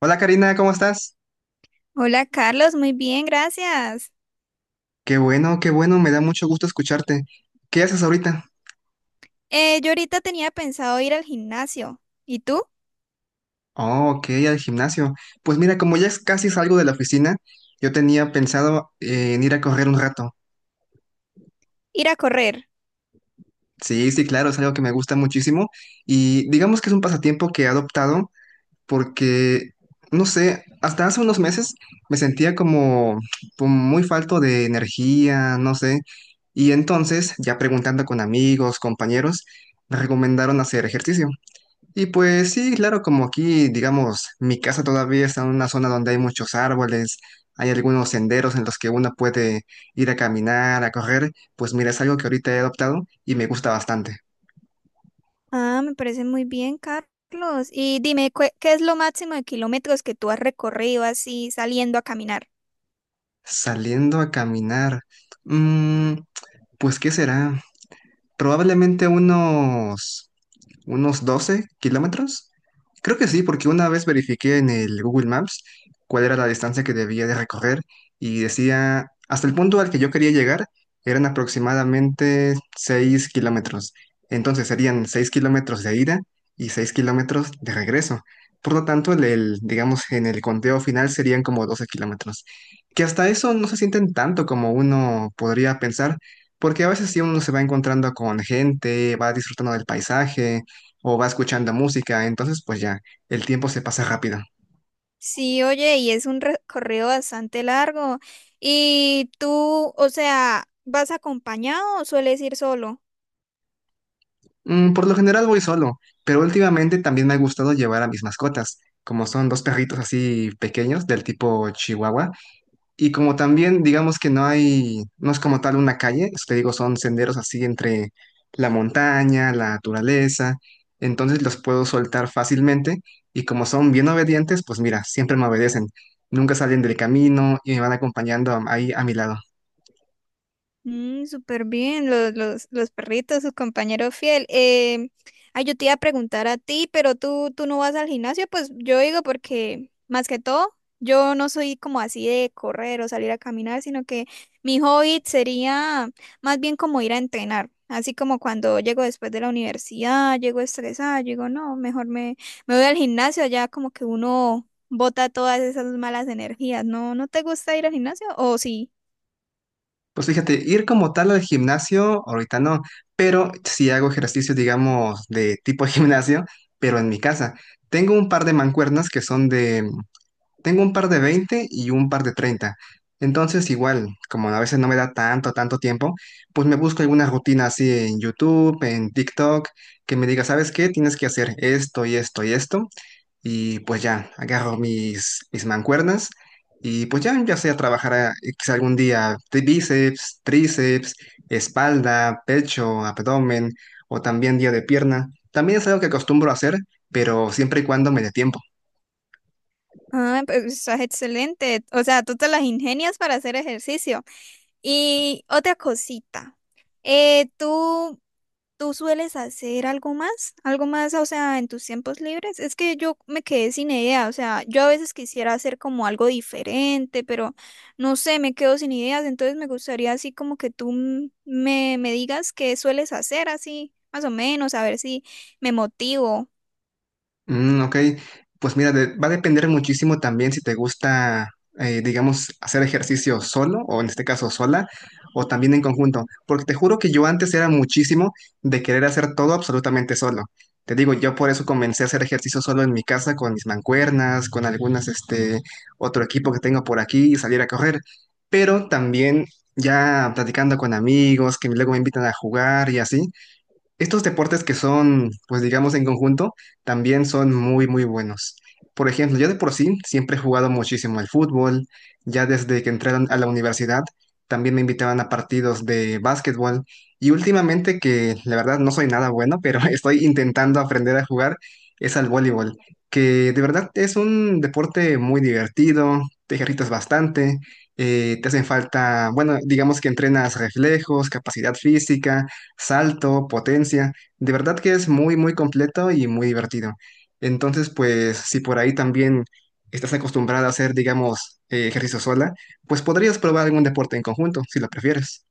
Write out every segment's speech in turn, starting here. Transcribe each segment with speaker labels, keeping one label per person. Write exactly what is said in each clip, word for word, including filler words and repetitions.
Speaker 1: Hola Karina, ¿cómo estás?
Speaker 2: Hola Carlos, muy bien, gracias.
Speaker 1: Qué bueno, qué bueno, me da mucho gusto escucharte. ¿Qué haces ahorita?
Speaker 2: Eh, yo ahorita tenía pensado ir al gimnasio. ¿Y tú?
Speaker 1: Oh, ok, al gimnasio. Pues mira, como ya es casi salgo de la oficina, yo tenía pensado eh, en ir a correr un rato.
Speaker 2: Ir a correr.
Speaker 1: Sí, sí, claro, es algo que me gusta muchísimo y digamos que es un pasatiempo que he adoptado porque, no sé, hasta hace unos meses me sentía como, como muy falto de energía, no sé, y entonces, ya preguntando con amigos, compañeros, me recomendaron hacer ejercicio. Y pues sí, claro, como aquí, digamos, mi casa todavía está en una zona donde hay muchos árboles, hay algunos senderos en los que uno puede ir a caminar, a correr, pues mira, es algo que ahorita he adoptado y me gusta bastante.
Speaker 2: Ah, me parece muy bien, Carlos. Y dime, ¿cu- ¿qué es lo máximo de kilómetros que tú has recorrido así saliendo a caminar?
Speaker 1: Saliendo a caminar, mm, pues ¿qué será? Probablemente unos unos doce kilómetros. Creo que sí, porque una vez verifiqué en el Google Maps cuál era la distancia que debía de recorrer y decía, hasta el punto al que yo quería llegar eran aproximadamente seis kilómetros. Entonces serían seis kilómetros de ida y seis kilómetros de regreso. Por lo tanto, el, el, digamos, en el conteo final serían como doce kilómetros, que hasta eso no se sienten tanto como uno podría pensar, porque a veces sí uno se va encontrando con gente, va disfrutando del paisaje, o va escuchando música, entonces pues ya, el tiempo se pasa rápido.
Speaker 2: Sí, oye, y es un recorrido bastante largo. ¿Y tú, o sea, vas acompañado o sueles ir solo?
Speaker 1: Mm, por lo general voy solo, pero últimamente también me ha gustado llevar a mis mascotas, como son dos perritos así pequeños del tipo Chihuahua, y como también digamos que no hay, no es como tal una calle, pues, te digo, son senderos así entre la montaña, la naturaleza, entonces los puedo soltar fácilmente y como son bien obedientes, pues mira, siempre me obedecen, nunca salen del camino y me van acompañando ahí a mi lado.
Speaker 2: Mm, súper bien, los, los, los perritos, su compañero fiel. Eh, ay, yo te iba a preguntar a ti, pero tú, tú no vas al gimnasio, pues yo digo porque más que todo, yo no soy como así de correr o salir a caminar, sino que mi hobby sería más bien como ir a entrenar, así como cuando llego después de la universidad, llego estresada, yo digo, no, mejor me, me voy al gimnasio, ya como que uno bota todas esas malas energías. ¿No, no te gusta ir al gimnasio o sí?
Speaker 1: Pues fíjate, ir como tal al gimnasio, ahorita no, pero sí hago ejercicio, digamos, de tipo gimnasio, pero en mi casa. Tengo un par de mancuernas que son de, tengo un par de veinte y un par de treinta. Entonces, igual, como a veces no me da tanto, tanto tiempo, pues me busco alguna rutina así en YouTube, en TikTok, que me diga, ¿sabes qué? Tienes que hacer esto y esto y esto. Y pues ya, agarro mis, mis mancuernas y pues ya, ya sea trabajar a- quizá algún día de bíceps, tríceps, espalda, pecho, abdomen o también día de pierna. También es algo que acostumbro a hacer, pero siempre y cuando me dé tiempo.
Speaker 2: Ah, pues estás excelente. O sea, tú te las ingenias para hacer ejercicio. Y otra cosita, eh, ¿tú, ¿tú sueles hacer algo más? ¿Algo más, o sea, en tus tiempos libres? Es que yo me quedé sin idea, o sea, yo a veces quisiera hacer como algo diferente, pero no sé, me quedo sin ideas, entonces me gustaría así como que tú m- me, me digas qué sueles hacer así, más o menos, a ver si me motivo.
Speaker 1: Mm, ok, pues mira, de- va a depender muchísimo también si te gusta, eh, digamos, hacer ejercicio solo o en este caso sola o también en conjunto, porque te juro que yo antes era muchísimo de querer hacer todo absolutamente solo. Te digo, yo por eso comencé a hacer ejercicio solo en mi casa con mis mancuernas, con algunas, este, otro equipo que tengo por aquí y salir a correr, pero también ya platicando con amigos que luego me invitan a jugar y así. Estos deportes que son, pues digamos, en conjunto, también son muy, muy buenos. Por ejemplo, yo de por sí siempre he jugado muchísimo al fútbol. Ya desde que entré a la universidad, también me invitaban a partidos de básquetbol. Y últimamente, que la verdad no soy nada bueno, pero estoy intentando aprender a jugar, es al voleibol, que de verdad es un deporte muy divertido, te ejercitas bastante, eh, te hacen falta, bueno, digamos que entrenas reflejos, capacidad física salto, potencia. De verdad que es muy, muy completo y muy divertido. Entonces, pues si por ahí también estás acostumbrada a hacer, digamos, eh, ejercicio sola, pues podrías probar algún deporte en conjunto, si lo prefieres.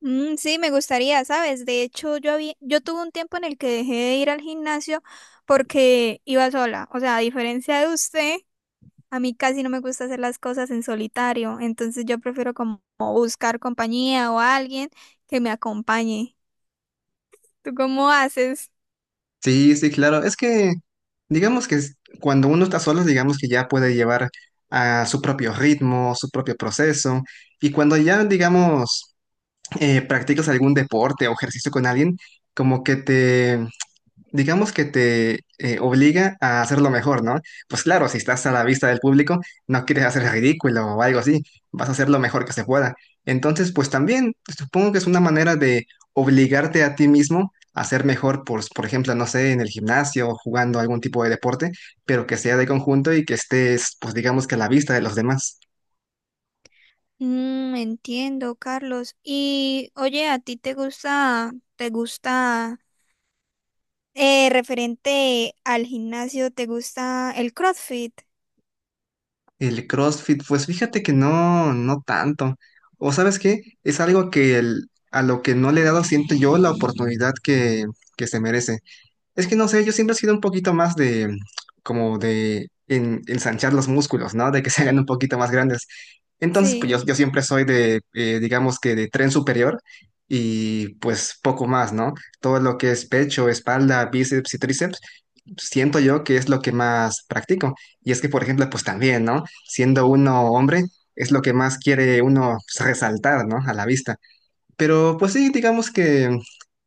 Speaker 2: Mm, sí, me gustaría, ¿sabes? De hecho, yo había, yo tuve un tiempo en el que dejé de ir al gimnasio porque iba sola. O sea, a diferencia de usted, a mí casi no me gusta hacer las cosas en solitario. Entonces yo prefiero como buscar compañía o alguien que me acompañe. ¿Tú cómo haces?
Speaker 1: Sí, sí, claro. Es que, digamos que es- cuando uno está solo, digamos que ya puede llevar a su propio ritmo, su propio proceso. Y cuando ya, digamos, eh, practicas algún deporte o ejercicio con alguien, como que te digamos que te eh, obliga a hacerlo mejor, ¿no? Pues claro, si estás a la vista del público, no quieres hacer ridículo o algo así, vas a hacer lo mejor que se pueda. Entonces, pues también supongo que es una manera de obligarte a ti mismo a ser mejor, por, por ejemplo, no sé, en el gimnasio o jugando algún tipo de deporte, pero que sea de conjunto y que estés, pues digamos que a la vista de los demás.
Speaker 2: Mm, entiendo, Carlos. Y oye, ¿a ti te gusta, te gusta, eh, referente al gimnasio, te gusta el CrossFit?
Speaker 1: El CrossFit, pues fíjate que no, no tanto. O sabes qué, es algo que el- a lo que no le he dado, siento yo, la oportunidad que, que se merece. Es que no sé, yo siempre he sido un poquito más de, como de en- ensanchar los músculos, ¿no? De que se hagan un poquito más grandes. Entonces, pues
Speaker 2: Sí.
Speaker 1: yo, yo siempre soy de, eh, digamos que de tren superior y pues poco más, ¿no? Todo lo que es pecho, espalda, bíceps y tríceps siento yo que es lo que más practico. Y es que, por ejemplo, pues también, ¿no? Siendo uno hombre, es lo que más quiere uno pues, resaltar, ¿no? A la vista. Pero pues sí, digamos que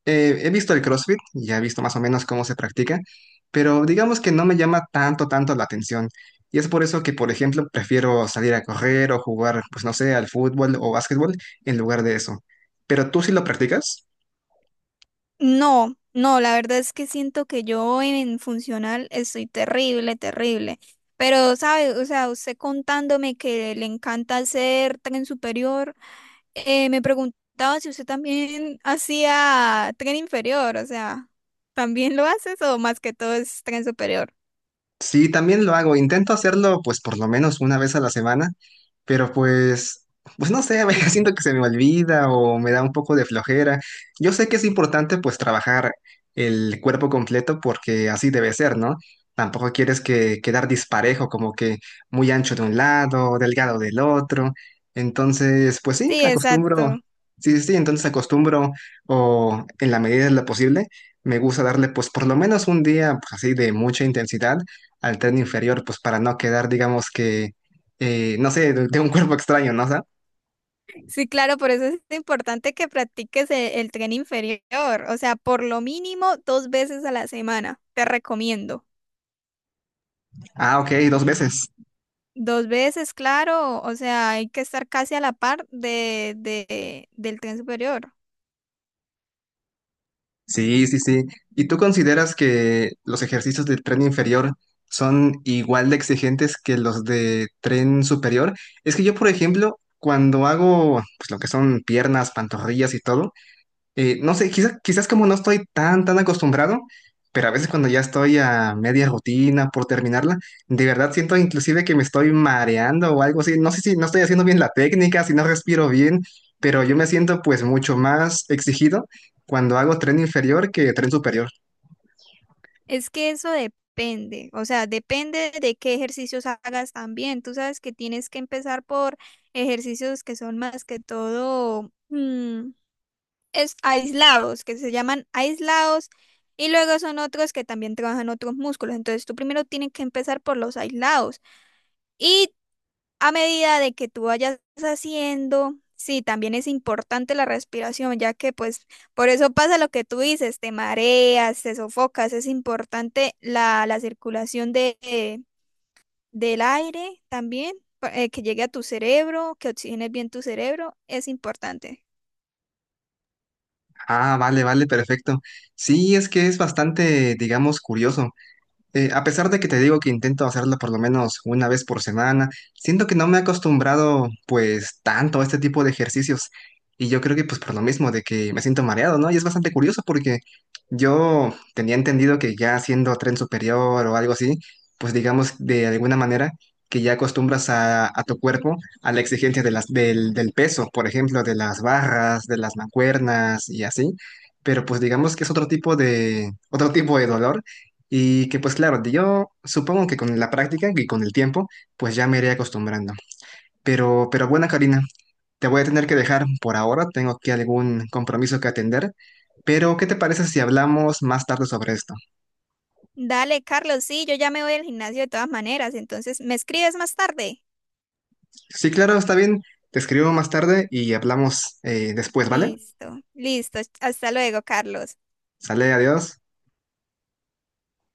Speaker 1: eh, he visto el CrossFit, ya he visto más o menos cómo se practica, pero digamos que no me llama tanto, tanto la atención. Y es por eso que, por ejemplo, prefiero salir a correr o jugar, pues no sé, al fútbol o básquetbol en lugar de eso. ¿Pero tú sí lo practicas?
Speaker 2: No, no, la verdad es que siento que yo en funcional estoy terrible, terrible. Pero, ¿sabe? O sea, usted contándome que le encanta hacer tren superior, eh, me preguntaba si usted también hacía tren inferior, o sea, ¿también lo haces o más que todo es tren superior?
Speaker 1: Sí, también lo hago. Intento hacerlo, pues, por lo menos una vez a la semana, pero pues, pues no sé, a veces siento que se me olvida o me da un poco de flojera. Yo sé que es importante, pues, trabajar el cuerpo completo porque así debe ser, ¿no? Tampoco quieres que quedar disparejo, como que muy ancho de un lado, delgado del otro. Entonces, pues sí,
Speaker 2: Sí,
Speaker 1: acostumbro.
Speaker 2: exacto.
Speaker 1: Sí, sí, sí, entonces acostumbro o en la medida de lo posible, me gusta darle pues por lo menos un día pues, así de mucha intensidad al tren inferior, pues para no quedar, digamos que, eh, no sé, de, de un cuerpo extraño, ¿no? O sea,
Speaker 2: Sí, claro, por eso es importante que practiques e- el, tren inferior, o sea, por lo mínimo dos veces a la semana, te recomiendo.
Speaker 1: ah, ok, dos veces.
Speaker 2: Dos veces, claro, o sea, hay que estar casi a la par de, de, del tren superior.
Speaker 1: Sí, sí, sí. ¿Y tú consideras que los ejercicios de tren inferior son igual de exigentes que los de tren superior? Es que yo, por ejemplo, cuando hago pues, lo que son piernas, pantorrillas y todo, Eh, no sé, quizás, quizás como no estoy tan, tan acostumbrado, pero a veces cuando ya estoy a media rutina por terminarla, de verdad siento inclusive que me estoy mareando o algo así. No sé si no estoy haciendo bien la técnica, si no respiro bien, pero yo me siento pues mucho más exigido cuando hago tren inferior que tren superior.
Speaker 2: Es que eso depende, o sea, depende de qué ejercicios hagas también. Tú sabes que tienes que empezar por ejercicios que son más que todo mm, es, aislados, que se llaman aislados, y luego son otros que también trabajan otros músculos. Entonces, tú primero tienes que empezar por los aislados. Y a medida de que tú vayas haciendo, sí, también es importante la respiración, ya que pues por eso pasa lo que tú dices, te mareas, te sofocas, es importante la, la circulación de, eh, del aire también, pa- eh, que llegue a tu cerebro, que oxigenes bien tu cerebro, es importante.
Speaker 1: Ah, vale, vale, perfecto. Sí, es que es bastante, digamos, curioso. Eh, a pesar de que te digo que intento hacerlo por lo menos una vez por semana, siento que no me he acostumbrado pues tanto a este tipo de ejercicios. Y yo creo que pues por lo mismo de que me siento mareado, ¿no? Y es bastante curioso porque yo tenía entendido que ya haciendo tren superior o algo así, pues digamos de alguna manera que ya acostumbras a, a tu cuerpo a la exigencia de las, del, del peso, por ejemplo, de las barras, de las mancuernas y así. Pero pues digamos que es otro tipo de, otro tipo de dolor y que pues claro, yo supongo que con la práctica y con el tiempo, pues ya me iré acostumbrando. Pero, pero bueno, Karina, te voy a tener que dejar por ahora, tengo aquí algún compromiso que atender, pero ¿qué te parece si hablamos más tarde sobre esto?
Speaker 2: Dale, Carlos, sí, yo ya me voy al gimnasio de todas maneras, entonces me escribes más tarde.
Speaker 1: Sí, claro, está bien, te escribo más tarde y hablamos eh, después, ¿vale?
Speaker 2: Listo, listo, hasta luego, Carlos.
Speaker 1: Sale, adiós.